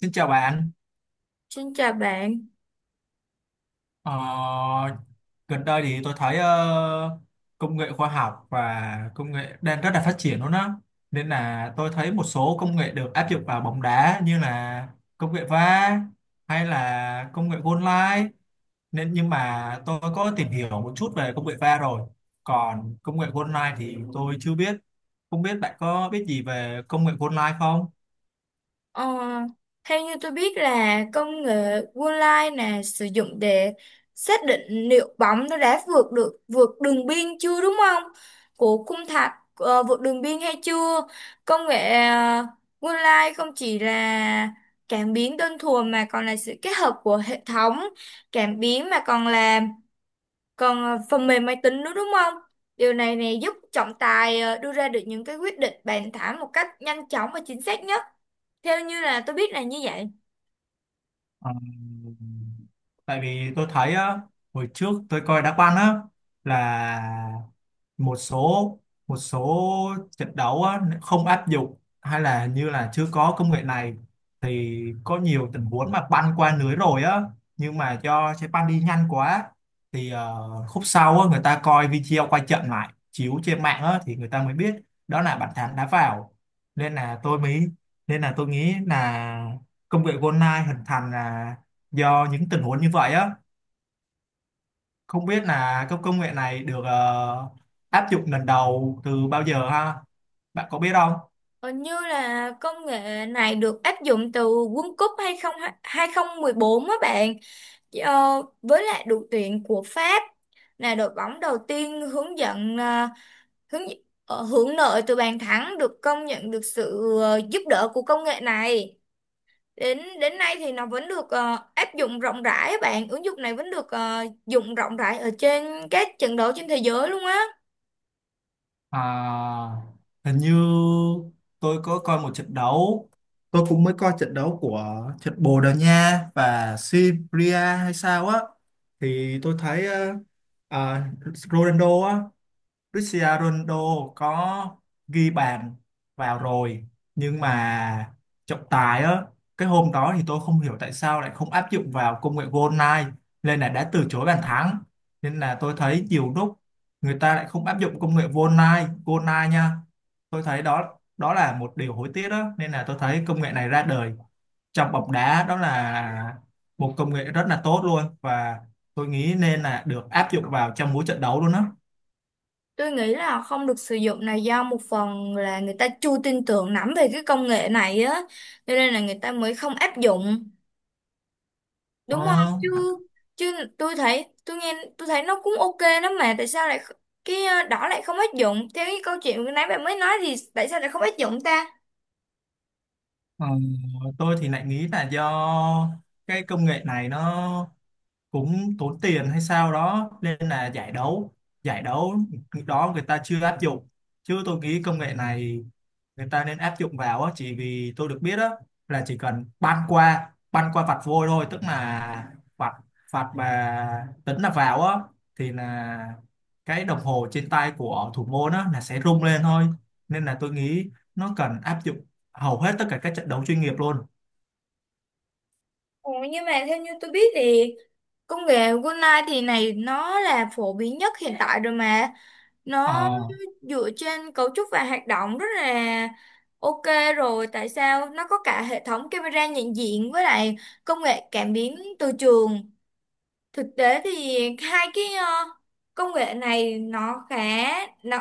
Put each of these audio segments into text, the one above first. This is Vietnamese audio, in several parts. Xin chào bạn. Xin chào bạn. Ờ, Gần đây thì tôi thấy công nghệ khoa học và công nghệ đang rất là phát triển luôn á. Nên là tôi thấy một số công nghệ được áp dụng vào bóng đá như là công nghệ VAR hay là công nghệ goal line. Nên nhưng mà tôi có tìm hiểu một chút về công nghệ VAR rồi. Còn công nghệ goal line thì tôi chưa biết. Không biết bạn có biết gì về công nghệ goal line không? Ờ, Theo như tôi biết là công nghệ Goal Line là sử dụng để xác định liệu bóng nó đã vượt đường biên chưa, đúng không? Của khung thành, vượt đường biên hay chưa? Công nghệ uh, Goal không chỉ là cảm biến đơn thuần mà còn là sự kết hợp của hệ thống cảm biến, mà còn là phần mềm máy tính nữa, đúng không? Điều này này giúp trọng tài đưa ra được những cái quyết định bàn thảo một cách nhanh chóng và chính xác nhất. Theo như là tôi biết là như vậy. Ờ, Tại vì tôi thấy á, hồi trước tôi coi đá banh á là một số một số trận đấu á, không áp dụng hay là như là chưa có công nghệ này thì có nhiều tình huống mà banh qua lưới rồi á, nhưng mà do trái banh đi nhanh quá thì khúc sau á, người ta coi video quay trận lại chiếu trên mạng á, thì người ta mới biết đó là bàn thắng đá vào. nên là tôi mới Nên là tôi nghĩ là công nghệ GoldenEye hình thành là do những tình huống như vậy á. Không biết là các công nghệ này được áp dụng lần đầu từ bao giờ ha, bạn có biết không? Còn như là công nghệ này được áp dụng từ World Cup 2014 á bạn. Ờ, với lại đội tuyển của Pháp là đội bóng đầu tiên hướng dẫn ờ, hướng ờ, hưởng lợi từ bàn thắng được công nhận, được sự giúp đỡ của công nghệ này. Đến đến nay thì nó vẫn được áp dụng rộng rãi á bạn, ứng dụng này vẫn được dùng rộng rãi ở trên các trận đấu trên thế giới luôn á. À, hình như tôi có coi một trận đấu, tôi cũng mới coi trận đấu của trận Bồ Đào Nha và Serbia hay sao á, thì tôi thấy à, Ronaldo á, Cristiano Ronaldo có ghi bàn vào rồi, nhưng mà trọng tài á, cái hôm đó thì tôi không hiểu tại sao lại không áp dụng vào công nghệ goal line nên là đã từ chối bàn thắng. Nên là tôi thấy nhiều lúc người ta lại không áp dụng công nghệ goal line nha. Tôi thấy đó đó là một điều hối tiếc đó, nên là tôi thấy công nghệ này ra đời trong bóng đá đó là một công nghệ rất là tốt luôn, và tôi nghĩ nên là được áp dụng vào trong mỗi trận đấu luôn đó. Tôi nghĩ là không được sử dụng này do một phần là người ta chưa tin tưởng lắm về cái công nghệ này á, cho nên là người ta mới không áp dụng, đúng không Ờ. chứ? Chứ tôi thấy nó cũng ok lắm mà tại sao lại cái đó lại không áp dụng? Theo cái câu chuyện vừa nãy bạn mới nói thì tại sao lại không áp dụng ta? Ờ, tôi thì lại nghĩ là do cái công nghệ này nó cũng tốn tiền hay sao đó nên là giải đấu đó người ta chưa áp dụng, chứ tôi nghĩ công nghệ này người ta nên áp dụng vào á, chỉ vì tôi được biết á là chỉ cần băn qua vạch vôi thôi, tức là vạch vạch mà tính là vào á thì là cái đồng hồ trên tay của thủ môn á là sẽ rung lên thôi. Nên là tôi nghĩ nó cần áp dụng hầu hết tất cả các trận đấu chuyên nghiệp luôn. Ồ, nhưng mà theo như tôi biết thì công nghệ Golai thì này nó là phổ biến nhất hiện tại rồi mà. Nó Ờ. dựa trên cấu trúc và hoạt động rất là ok rồi, tại sao nó có cả hệ thống camera nhận diện với lại công nghệ cảm biến từ trường. Thực tế thì hai cái công nghệ này nó nó,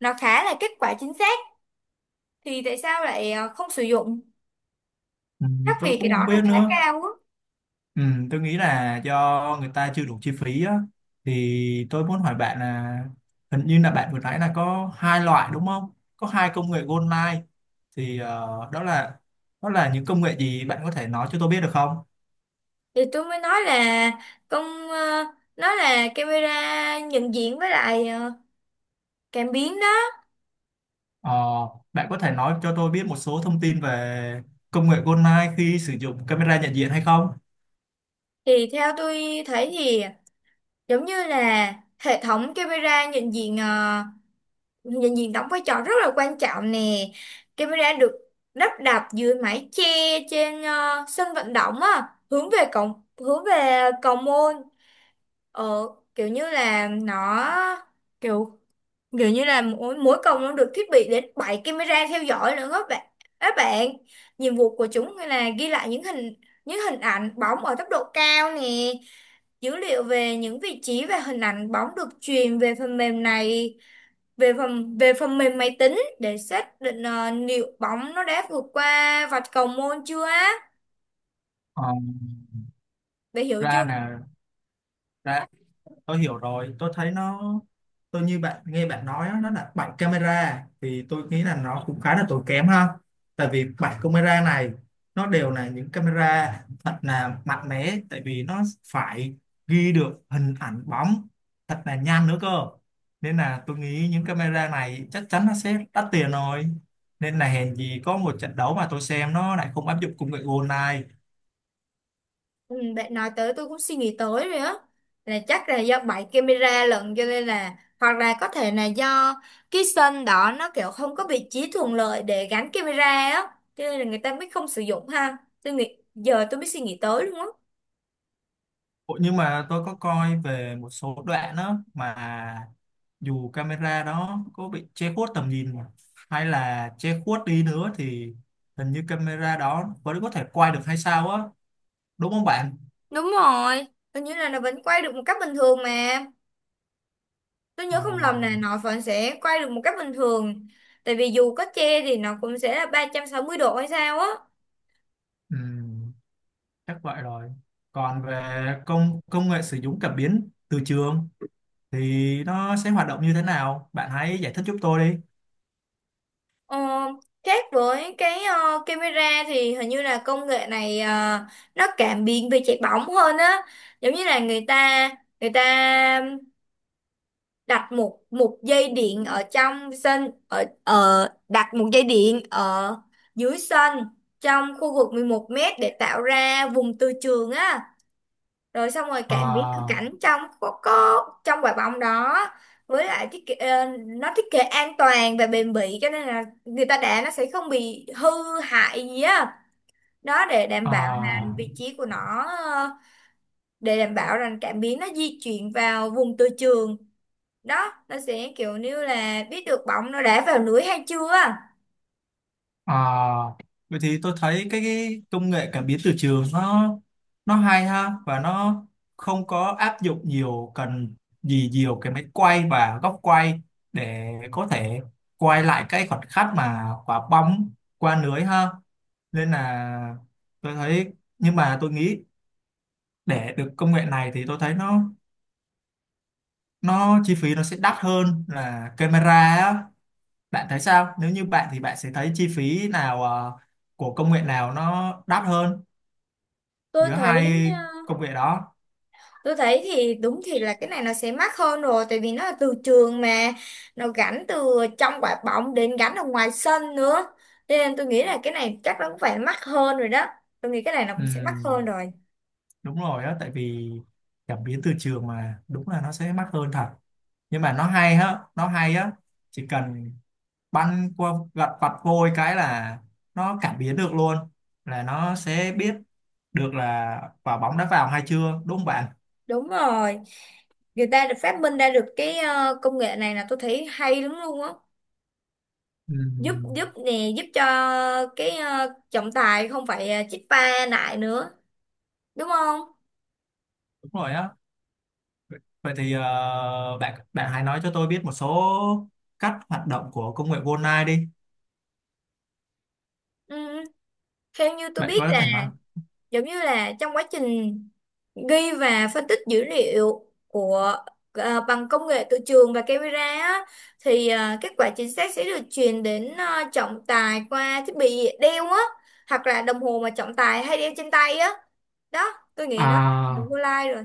khá là kết quả chính xác, thì tại sao lại không sử dụng? Ừ, Chắc tôi vì cái cũng không đó là biết khá nữa. cao á. Ừ, tôi nghĩ là do người ta chưa đủ chi phí á. Thì tôi muốn hỏi bạn là hình như là bạn vừa nãy là có hai loại đúng không? Có hai công nghệ gold line, thì đó là những công nghệ gì, bạn có thể nói cho tôi biết được không? Thì tôi mới nói là con ờ, nó là camera nhận diện với lại, cảm biến đó. Ờ, Bạn có thể nói cho tôi biết một số thông tin về công nghệ gold line khi sử dụng camera nhận diện hay không? Thì theo tôi thấy thì giống như là hệ thống camera nhận diện, đóng vai trò rất là quan trọng nè. Camera được lắp đặt dưới mái che trên sân vận động á, hướng về cầu môn. Ở kiểu như là nó kiểu Kiểu như là mỗi cổng nó được thiết bị đến 7 camera theo dõi nữa các bạn. Các bạn, nhiệm vụ của chúng là ghi lại những hình ảnh bóng ở tốc độ cao nè, dữ liệu về những vị trí và hình ảnh bóng được truyền về phần mềm này, về phần mềm máy tính để xác định liệu bóng nó đã vượt qua vạch cầu môn chưa á. Ờ, Bạn hiểu Ra chưa? nè, ra, tôi hiểu rồi. Tôi thấy nó, tôi như bạn, nghe bạn nói á, nó là bảy camera thì tôi nghĩ là nó cũng khá là tốn kém ha. Tại vì bảy camera này nó đều là những camera thật là mạnh mẽ, tại vì nó phải ghi được hình ảnh bóng thật là nhanh nữa cơ. Nên là tôi nghĩ những camera này chắc chắn nó sẽ đắt tiền rồi, nên là hèn gì có một trận đấu mà tôi xem nó lại không áp dụng công nghệ gold này. Ừ, bạn nói tới tôi cũng suy nghĩ tới rồi á, là chắc là do bảy camera lận, cho nên là hoặc là có thể là do cái sân đó nó kiểu không có vị trí thuận lợi để gắn camera á, cho nên là người ta mới không sử dụng ha. Tôi nghĩ giờ tôi mới suy nghĩ tới luôn á. Ủa, nhưng mà tôi có coi về một số đoạn đó mà dù camera đó có bị che khuất tầm nhìn mà, hay là che khuất đi nữa thì hình như camera đó vẫn có thể quay được hay sao á, đúng không bạn? Đúng rồi, tôi nhớ là nó vẫn quay được một cách bình thường mà, tôi Ờ. nhớ không lầm là nó vẫn sẽ quay được một cách bình thường. Tại vì dù có che thì nó cũng sẽ là 360 độ hay sao á. Ừm, chắc vậy rồi. Còn về công công nghệ sử dụng cảm biến từ trường thì nó sẽ hoạt động như thế nào? Bạn hãy giải thích giúp tôi đi. Ờ, khác với cái camera thì hình như là công nghệ này nó cảm biến về chạy bóng hơn á. Giống như là người ta đặt một một dây điện ở trong sân, ở ở đặt một dây điện ở dưới sân, trong khu vực 11 mét để tạo ra vùng từ trường á. Rồi xong rồi cảm biến thực Ờ. cảnh trong có trong quả bóng đó. Với lại thiết kế, nó thiết kế an toàn và bền bỉ, cho nên là người ta đá nó sẽ không bị hư hại gì á. Đó để đảm Ờ. bảo là vị trí của nó, để đảm bảo rằng cảm biến nó di chuyển vào vùng từ trường đó, nó sẽ kiểu như là biết được bóng nó đá vào lưới hay chưa. À, vậy thì tôi thấy cái công nghệ cảm biến từ trường nó hay ha, và nó không có áp dụng nhiều, cần gì nhiều cái máy quay và góc quay để có thể quay lại cái khoảnh khắc mà quả bóng qua lưới ha. Nên là tôi thấy, nhưng mà tôi nghĩ để được công nghệ này thì tôi thấy nó chi phí nó sẽ đắt hơn là camera á. Bạn thấy sao? Nếu như bạn thì bạn sẽ thấy chi phí nào của công nghệ nào nó đắt hơn Tôi giữa thấy hai ờ, công nghệ đó? tôi thấy thì đúng thì là cái này nó sẽ mắc hơn rồi, tại vì nó là từ trường mà, nó gắn từ trong quả bóng đến gắn ở ngoài sân nữa. Cho nên tôi nghĩ là cái này chắc nó cũng phải mắc hơn rồi đó, tôi nghĩ cái này nó cũng sẽ mắc hơn Ừm, rồi. đúng rồi á, tại vì cảm biến từ trường mà, đúng là nó sẽ mắc hơn thật. Nhưng mà nó hay á, chỉ cần băn qua gật vặt vôi cái là nó cảm biến được luôn, là nó sẽ biết được là quả bóng đã vào hay chưa, đúng không bạn? Đúng rồi, người ta được phát minh ra được cái công nghệ này là tôi thấy hay lắm luôn á. giúp Ừm, giúp nè giúp cho cái trọng tài không phải chích va lại nữa, đúng không? đúng rồi á. Vậy thì bạn bạn hãy nói cho tôi biết một số cách hoạt động của công nghệ Goldeneye đi. Ừ. Theo như tôi Bạn biết có thể là thành không? giống như là trong quá trình ghi và phân tích dữ liệu của, à, bằng công nghệ từ trường và camera á, thì à, kết quả chính xác sẽ được truyền đến, à, trọng tài qua thiết bị đeo á, hoặc là đồng hồ mà trọng tài hay đeo trên tay á. Đó, tôi nghĩ nó là À, vô lai rồi.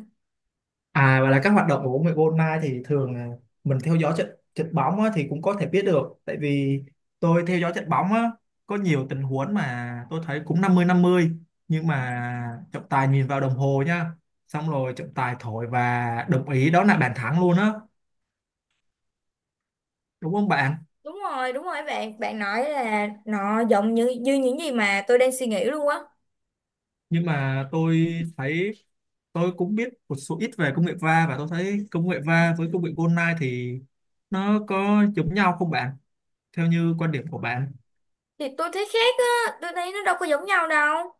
à, và là các hoạt động của bóng rổ online thì thường là mình theo dõi trận trận bóng á, thì cũng có thể biết được. Tại vì tôi theo dõi trận bóng á, có nhiều tình huống mà tôi thấy cũng 50 50, nhưng mà trọng tài nhìn vào đồng hồ nha, xong rồi trọng tài thổi và đồng ý đó là bàn thắng luôn á, đúng không bạn? Đúng rồi, đúng rồi, bạn bạn nói là nó giống như như những gì mà tôi đang suy nghĩ luôn á. Nhưng mà tôi thấy, tôi cũng biết một số ít về công nghệ va, và tôi thấy công nghệ va với công nghệ online thì nó có giống nhau không bạn, theo như quan điểm của bạn? Thì tôi thấy khác á, tôi thấy nó đâu có giống nhau đâu.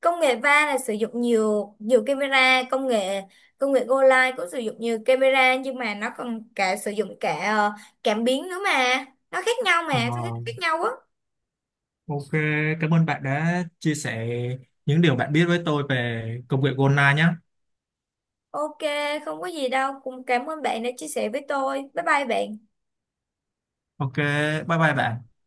Công nghệ va là sử dụng nhiều nhiều camera, công nghệ Go Live cũng sử dụng nhiều camera, nhưng mà nó còn cả sử dụng cả cảm biến nữa mà. Nó khác nhau Ờ, mà, tôi thấy khác nhau á. ok, cảm ơn bạn đã chia sẻ những điều bạn biết với tôi về công nghệ online nhé. Ok, không có gì đâu, cũng cảm ơn bạn đã chia sẻ với tôi. Bye bye bạn. Ok, bye bye bạn.